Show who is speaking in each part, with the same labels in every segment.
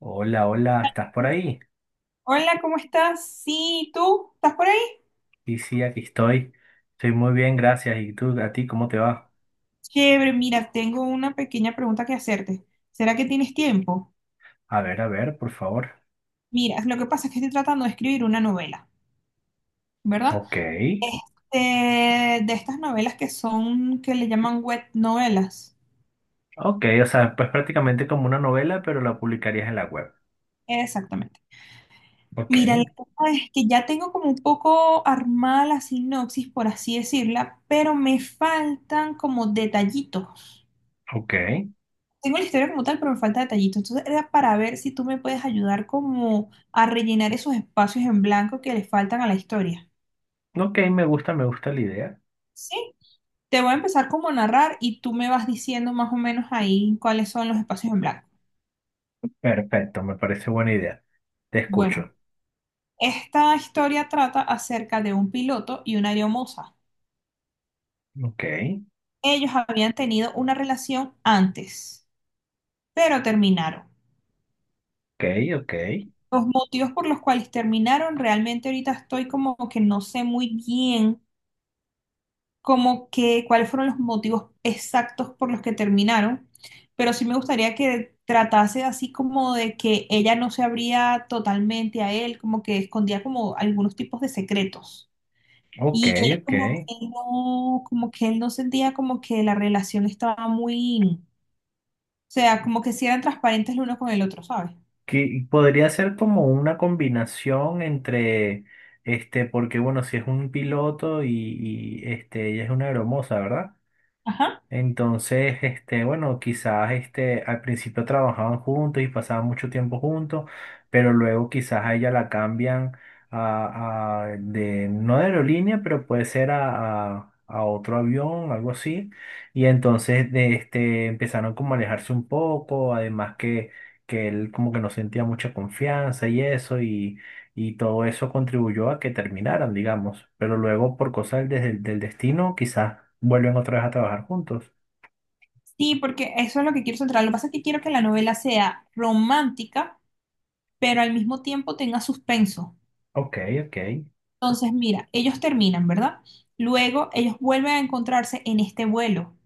Speaker 1: Hola, hola, ¿estás por ahí?
Speaker 2: Hola, ¿cómo estás? Sí, ¿tú? ¿Estás por ahí?
Speaker 1: Sí, sí, aquí estoy. Estoy muy bien, gracias. ¿Y tú, a ti, cómo te va?
Speaker 2: Chévere, mira, tengo una pequeña pregunta que hacerte. ¿Será que tienes tiempo?
Speaker 1: A ver, por favor.
Speaker 2: Mira, lo que pasa es que estoy tratando de escribir una novela, ¿verdad?
Speaker 1: Ok,
Speaker 2: Este, de estas novelas que son, que le llaman web novelas.
Speaker 1: ok, o sea, pues prácticamente como una novela, pero la publicarías en la web.
Speaker 2: Exactamente.
Speaker 1: Ok,
Speaker 2: Mira, la cosa es que ya tengo como un poco armada la sinopsis, por así decirla, pero me faltan como detallitos.
Speaker 1: ok,
Speaker 2: Tengo la historia como tal, pero me falta detallito. Entonces era para ver si tú me puedes ayudar como a rellenar esos espacios en blanco que le faltan a la historia.
Speaker 1: ok Me gusta, me gusta la idea.
Speaker 2: ¿Sí? Te voy a empezar como a narrar y tú me vas diciendo más o menos ahí cuáles son los espacios en blanco.
Speaker 1: Perfecto, me parece buena idea. Te
Speaker 2: Bueno,
Speaker 1: escucho.
Speaker 2: esta historia trata acerca de un piloto y una aeromoza.
Speaker 1: Ok,
Speaker 2: Ellos habían tenido una relación antes, pero terminaron.
Speaker 1: ok, ok,
Speaker 2: Los motivos por los cuales terminaron, realmente ahorita estoy como que no sé muy bien como que cuáles fueron los motivos exactos por los que terminaron, pero sí me gustaría que tratase así como de que ella no se abría totalmente a él, como que escondía como algunos tipos de secretos.
Speaker 1: ok,
Speaker 2: Y él
Speaker 1: ok.
Speaker 2: como que no, como que él no sentía como que la relación estaba muy, o sea, como que si eran transparentes el uno con el otro, ¿sabes?
Speaker 1: Que podría ser como una combinación entre, porque bueno, si es un piloto y ella es una aeromoza, ¿verdad?
Speaker 2: Ajá.
Speaker 1: Entonces, bueno, quizás al principio trabajaban juntos y pasaban mucho tiempo juntos, pero luego quizás a ella la cambian de, no de aerolínea, pero puede ser a otro avión, algo así. Y entonces de empezaron como a alejarse un poco, además que él como que no sentía mucha confianza y eso, y todo eso contribuyó a que terminaran, digamos. Pero luego, por cosas del destino, quizás vuelven otra vez a trabajar juntos.
Speaker 2: Sí, porque eso es lo que quiero centrar. Lo que pasa es que quiero que la novela sea romántica, pero al mismo tiempo tenga suspenso.
Speaker 1: Ok, ok,
Speaker 2: Entonces, mira, ellos terminan, ¿verdad? Luego ellos vuelven a encontrarse en este vuelo,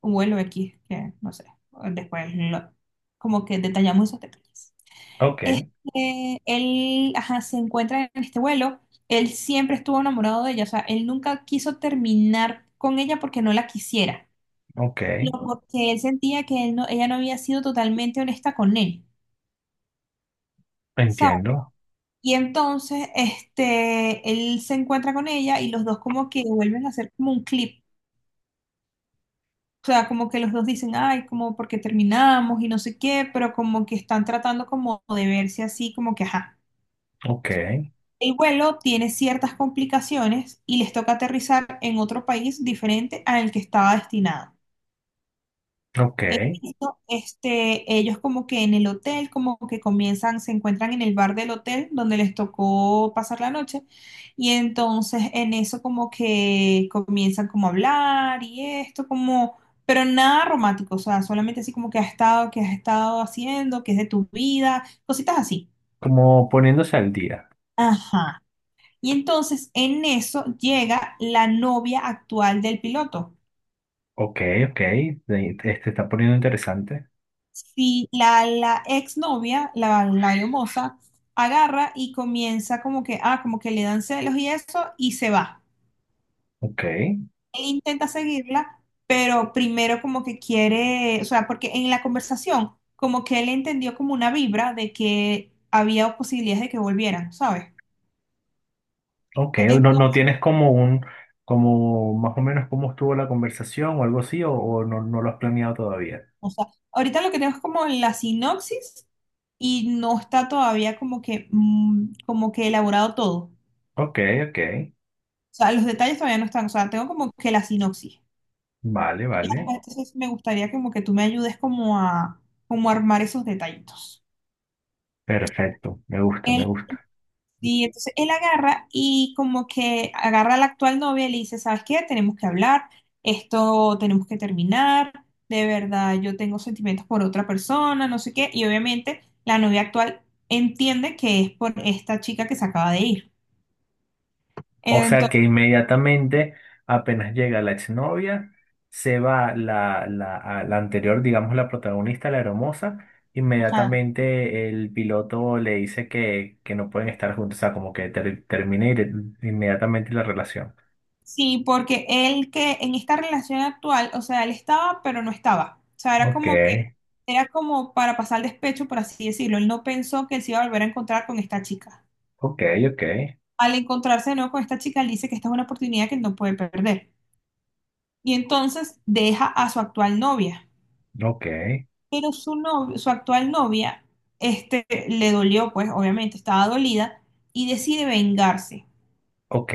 Speaker 2: un vuelo X, que no sé, después como que detallamos esos detalles.
Speaker 1: ok,
Speaker 2: Él, ajá, se encuentra en este vuelo, él siempre estuvo enamorado de ella, o sea, él nunca quiso terminar con ella porque no la quisiera,
Speaker 1: ok,
Speaker 2: sino porque él sentía que él no, ella no había sido totalmente honesta con él. ¿Sabes?
Speaker 1: entiendo,
Speaker 2: Y entonces, él se encuentra con ella y los dos como que vuelven a hacer como un clip. O sea, como que los dos dicen, ay, como porque terminamos y no sé qué, pero como que están tratando como de verse así, como que, ajá.
Speaker 1: ok,
Speaker 2: El vuelo tiene ciertas complicaciones y les toca aterrizar en otro país diferente al que estaba destinado.
Speaker 1: ok,
Speaker 2: En esto, ellos como que en el hotel, como que comienzan, se encuentran en el bar del hotel donde les tocó pasar la noche y entonces en eso como que comienzan como a hablar y esto como, pero nada romántico, o sea, solamente así como que has estado haciendo, que es de tu vida, cositas así.
Speaker 1: como poniéndose al día,
Speaker 2: Ajá. Y entonces en eso llega la novia actual del piloto.
Speaker 1: ok, ok, te está poniendo interesante,
Speaker 2: Si la exnovia, la hermosa, agarra y comienza como que, ah, como que le dan celos y eso, y se va.
Speaker 1: ok,
Speaker 2: Él intenta seguirla, pero primero como que quiere, o sea, porque en la conversación, como que él entendió como una vibra de que había posibilidades de que volvieran, ¿sabes?
Speaker 1: ok, no, no
Speaker 2: Entonces,
Speaker 1: tienes como un, como más o menos cómo estuvo la conversación o algo así, o no, no lo has planeado todavía,
Speaker 2: o sea, ahorita lo que tenemos es como la sinopsis y no está todavía como que, como que elaborado todo.
Speaker 1: ok, ok,
Speaker 2: O sea, los detalles todavía no están, o sea, tengo como que la sinopsis.
Speaker 1: vale,
Speaker 2: Y
Speaker 1: vale,
Speaker 2: acá, entonces me gustaría como que tú me ayudes como a armar esos detallitos.
Speaker 1: perfecto, me gusta, me
Speaker 2: Él,
Speaker 1: gusta.
Speaker 2: y entonces él agarra y como que agarra a la actual novia y le dice, ¿sabes qué? Tenemos que hablar, esto tenemos que terminar, de verdad yo tengo sentimientos por otra persona, no sé qué. Y obviamente la novia actual entiende que es por esta chica que se acaba de ir.
Speaker 1: O sea
Speaker 2: Entonces,
Speaker 1: que inmediatamente, apenas llega la exnovia, se va a la anterior, digamos, la protagonista, la hermosa.
Speaker 2: ajá.
Speaker 1: Inmediatamente el piloto le dice que no pueden estar juntos, o sea, como que inmediatamente la relación.
Speaker 2: Sí, porque él que en esta relación actual, o sea, él estaba, pero no estaba. O sea,
Speaker 1: Ok,
Speaker 2: era como para pasar el despecho, por así decirlo. Él no pensó que él se iba a volver a encontrar con esta chica.
Speaker 1: ok, ok,
Speaker 2: Al encontrarse de nuevo con esta chica, él dice que esta es una oportunidad que él no puede perder. Y entonces deja a su actual novia.
Speaker 1: ok,
Speaker 2: Pero su novia, su actual novia, le dolió, pues, obviamente, estaba dolida y decide vengarse.
Speaker 1: ok.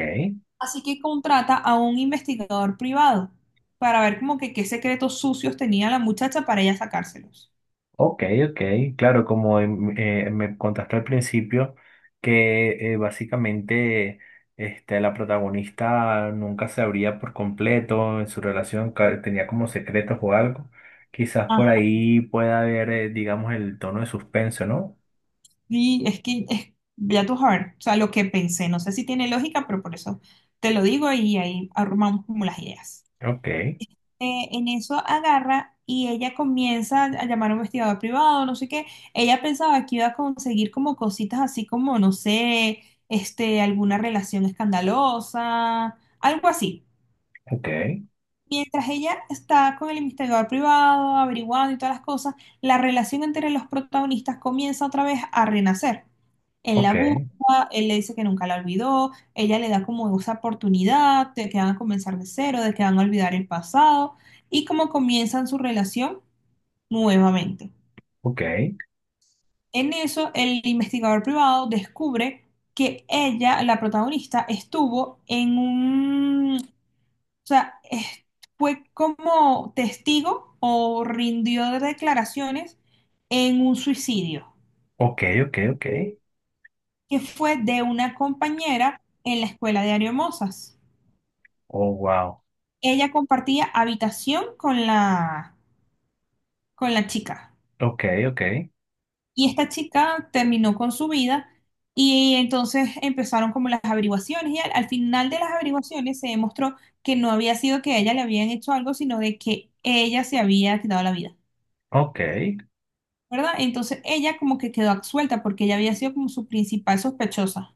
Speaker 2: Así que contrata a un investigador privado para ver como que qué secretos sucios tenía la muchacha para ella sacárselos.
Speaker 1: Ok, ok, claro, como me contaste al principio, que básicamente la protagonista nunca se abría por completo en su relación, tenía como secretos o algo, quizás por
Speaker 2: Ajá.
Speaker 1: ahí pueda haber, digamos, el tono de suspenso, ¿no?
Speaker 2: Y es que es ya tu heart, o sea, lo que pensé, no sé si tiene lógica, pero por eso te lo digo y ahí arrumamos como las ideas.
Speaker 1: Ok,
Speaker 2: En eso agarra y ella comienza a llamar a un investigador privado, no sé qué. Ella pensaba que iba a conseguir como cositas así como, no sé, alguna relación escandalosa, algo así.
Speaker 1: ok,
Speaker 2: Mientras ella está con el investigador privado, averiguando y todas las cosas, la relación entre los protagonistas comienza otra vez a renacer. Él la
Speaker 1: ok,
Speaker 2: busca, él le dice que nunca la olvidó, ella le da como esa oportunidad de que van a comenzar de cero, de que van a olvidar el pasado y como comienzan su relación nuevamente.
Speaker 1: ok,
Speaker 2: En eso, el investigador privado descubre que ella, la protagonista, estuvo en un o sea, fue como testigo o rindió declaraciones en un suicidio,
Speaker 1: ok, ok,
Speaker 2: que fue de una compañera en la escuela de Ariomosas.
Speaker 1: oh, wow,
Speaker 2: Ella compartía habitación con la chica
Speaker 1: ok, ok,
Speaker 2: y esta chica terminó con su vida y entonces empezaron como las averiguaciones y al final de las averiguaciones se demostró que no había sido que a ella le habían hecho algo, sino de que ella se había quitado la vida.
Speaker 1: ok.
Speaker 2: ¿Verdad? Entonces ella como que quedó absuelta porque ella había sido como su principal sospechosa.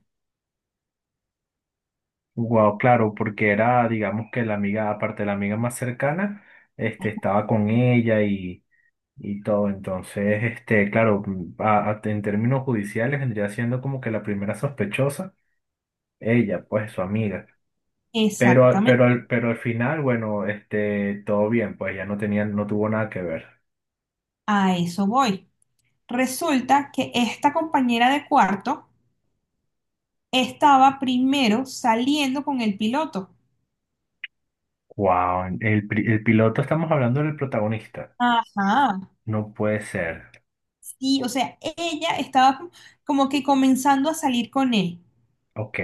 Speaker 1: Wow, claro, porque era, digamos que la amiga, aparte de la amiga más cercana, estaba con ella y todo. Entonces, claro, en términos judiciales vendría siendo como que la primera sospechosa, ella, pues su amiga. Pero,
Speaker 2: Exactamente,
Speaker 1: pero, pero al final, bueno, todo bien, pues ya no tenía, no tuvo nada que ver.
Speaker 2: a eso voy. Resulta que esta compañera de cuarto estaba primero saliendo con el piloto.
Speaker 1: Wow, el, el piloto, estamos hablando del protagonista.
Speaker 2: Ajá,
Speaker 1: No puede ser.
Speaker 2: sí, o sea, ella estaba como que comenzando a salir con él
Speaker 1: Ok,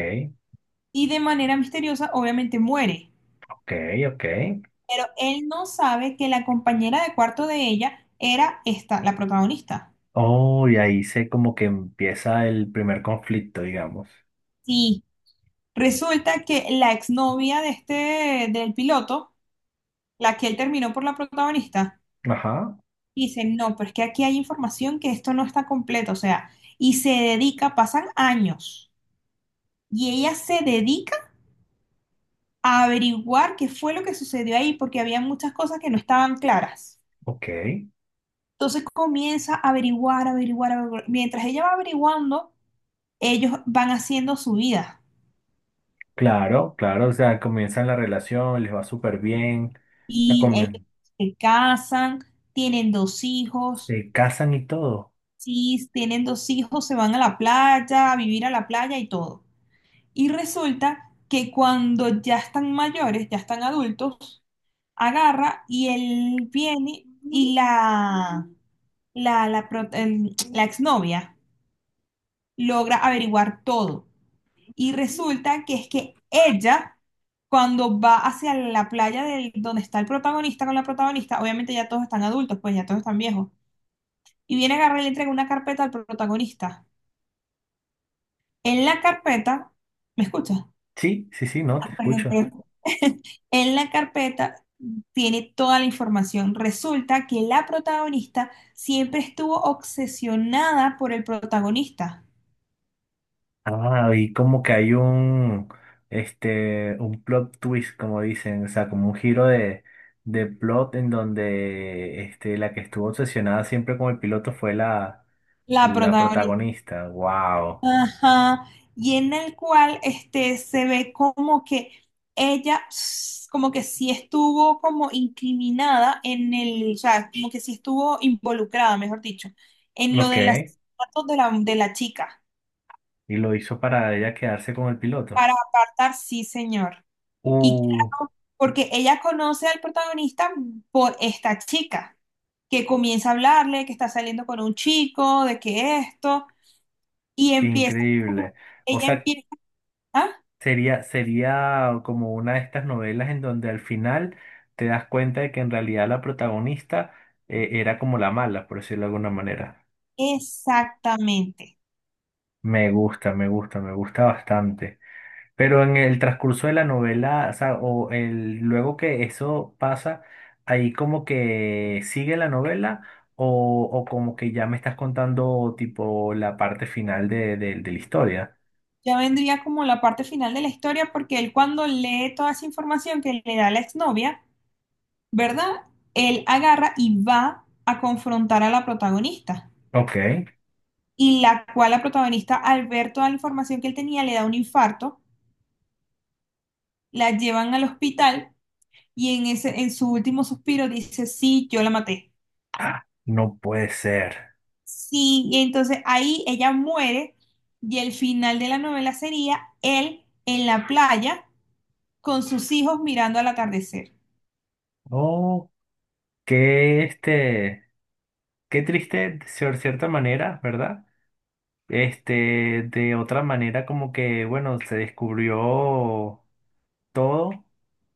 Speaker 2: y de manera misteriosa obviamente muere,
Speaker 1: ok, ok.
Speaker 2: pero él no sabe que la compañera de cuarto de ella era esta, la protagonista.
Speaker 1: Oh, y ahí se como que empieza el primer conflicto, digamos.
Speaker 2: Sí, Resulta que la exnovia del piloto, la que él terminó por la protagonista,
Speaker 1: Ajá,
Speaker 2: dice, no, pero es que aquí hay información que esto no está completo, o sea, y se dedica, pasan años, y ella se dedica a averiguar qué fue lo que sucedió ahí, porque había muchas cosas que no estaban claras.
Speaker 1: ok.
Speaker 2: Entonces comienza a averiguar, averiguar, averiguar. Mientras ella va averiguando, ellos van haciendo su vida,
Speaker 1: Claro, claro, o sea, comienzan la relación, les va súper bien, la
Speaker 2: y ellos
Speaker 1: comien-
Speaker 2: se casan, tienen dos hijos.
Speaker 1: se casan y todo.
Speaker 2: Si tienen dos hijos, se van a la playa, a vivir a la playa y todo. Y resulta que cuando ya están mayores, ya están adultos, agarra y él viene y la exnovia logra averiguar todo. Y resulta que es que ella, cuando va hacia la playa donde está el protagonista con la protagonista, obviamente ya todos están adultos, pues ya todos están viejos, y viene a agarrar y le entrega una carpeta al protagonista. En la carpeta, ¿me escuchas?
Speaker 1: Sí, sí, sí, no, te
Speaker 2: Perdón,
Speaker 1: escucho.
Speaker 2: perdón. En la carpeta tiene toda la información. Resulta que la protagonista siempre estuvo obsesionada por el protagonista.
Speaker 1: Ah, y como que hay un, un plot twist, como dicen, o sea, como un giro de plot en donde, la que estuvo obsesionada siempre con el piloto fue la,
Speaker 2: La
Speaker 1: la
Speaker 2: protagonista.
Speaker 1: protagonista. Wow.
Speaker 2: Ajá. Y en el cual se ve como que ella, como que sí estuvo como incriminada en el, o sea, como que sí estuvo involucrada, mejor dicho, en lo
Speaker 1: Ok.
Speaker 2: de los asesinatos de la chica.
Speaker 1: Y lo hizo para ella quedarse con el piloto.
Speaker 2: Para apartar, sí, señor. Y
Speaker 1: ¡Uh!
Speaker 2: claro, porque ella conoce al protagonista por esta chica, que comienza a hablarle, que está saliendo con un chico, de que esto, y
Speaker 1: ¡Qué
Speaker 2: empieza,
Speaker 1: increíble! O
Speaker 2: ella
Speaker 1: sea,
Speaker 2: empieza, ah,
Speaker 1: sería, sería como una de estas novelas en donde al final te das cuenta de que en realidad la protagonista era como la mala, por decirlo de alguna manera.
Speaker 2: exactamente.
Speaker 1: Me gusta, me gusta, me gusta bastante. Pero en el transcurso de la novela, o sea, o el, luego que eso pasa, ahí como que sigue la novela o como que ya me estás contando tipo la parte final de, de la historia.
Speaker 2: Ya vendría como la parte final de la historia, porque él cuando lee toda esa información que le da la exnovia, ¿verdad? Él agarra y va a confrontar a la protagonista.
Speaker 1: Ok.
Speaker 2: Y la cual la protagonista, al ver toda la información que él tenía, le da un infarto, la llevan al hospital y en su último suspiro dice, sí, yo la maté.
Speaker 1: Ah, no puede ser.
Speaker 2: Sí, y entonces ahí ella muere y el final de la novela sería él en la playa con sus hijos mirando al atardecer.
Speaker 1: Oh, qué qué triste de cierta manera, ¿verdad? De otra manera como que, bueno, se descubrió. Todo,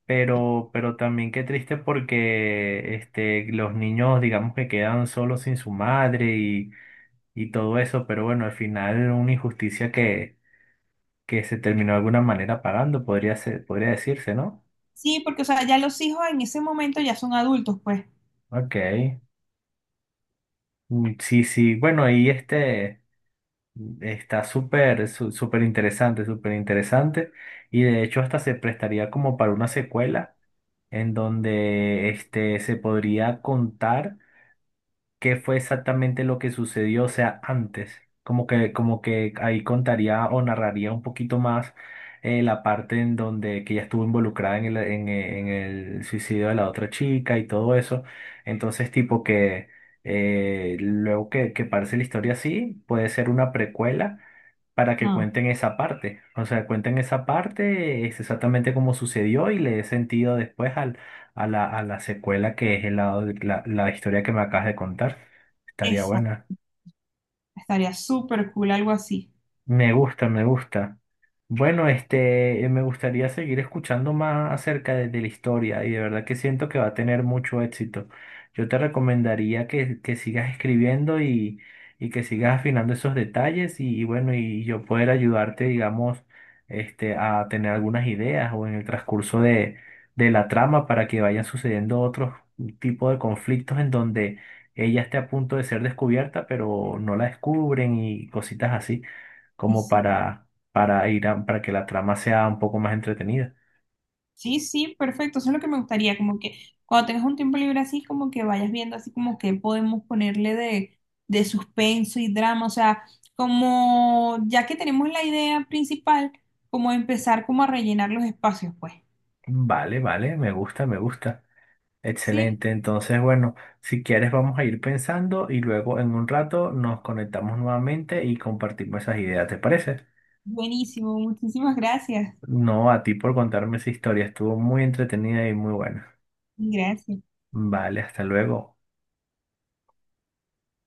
Speaker 1: pero también qué triste porque los niños, digamos que quedan solos sin su madre y todo eso, pero bueno, al final una injusticia que se terminó de alguna manera pagando, podría ser, podría decirse, ¿no?
Speaker 2: Sí, porque o sea, ya los hijos en ese momento ya son adultos, pues.
Speaker 1: Ok. Sí, sí, bueno, y está súper interesante, y de hecho hasta se prestaría como para una secuela en donde se podría contar. Qué fue exactamente lo que sucedió, o sea, antes. Como que ahí contaría o narraría un poquito más la parte en donde que ella estuvo involucrada en el, en el suicidio de la otra chica y todo eso. Entonces, tipo que luego que parece la historia así, puede ser una precuela para que
Speaker 2: No.
Speaker 1: cuenten esa parte. O sea, cuenten esa parte, es exactamente como sucedió y le dé sentido después a la secuela que es el lado de la, la historia que me acabas de contar. Estaría
Speaker 2: Esa,
Speaker 1: buena.
Speaker 2: Estaría súper cool algo así.
Speaker 1: Me gusta, me gusta. Bueno, me gustaría seguir escuchando más acerca de la historia y de verdad que siento que va a tener mucho éxito. Yo te recomendaría que sigas escribiendo y que sigas afinando esos detalles y bueno, y yo poder ayudarte, digamos, a tener algunas ideas o en el transcurso de la trama para que vayan sucediendo otros tipos de conflictos en donde ella esté a punto de ser descubierta, pero no la descubren y cositas así como para ir para que la trama sea un poco más entretenida.
Speaker 2: Sí, sí, perfecto. Eso es lo que me gustaría, como que cuando tengas un tiempo libre así, como que vayas viendo así como que podemos ponerle de, suspenso y drama. O sea, como ya que tenemos la idea principal, como empezar como a rellenar los espacios, pues.
Speaker 1: Vale, vale, me gusta, me gusta.
Speaker 2: Sí,
Speaker 1: Excelente. Entonces, bueno, si quieres vamos a ir pensando y luego en un rato nos conectamos nuevamente y compartimos esas ideas, ¿te parece?
Speaker 2: buenísimo. Muchísimas gracias.
Speaker 1: No, a ti por contarme esa historia, estuvo muy entretenida y muy buena.
Speaker 2: Gracias.
Speaker 1: Vale, hasta luego.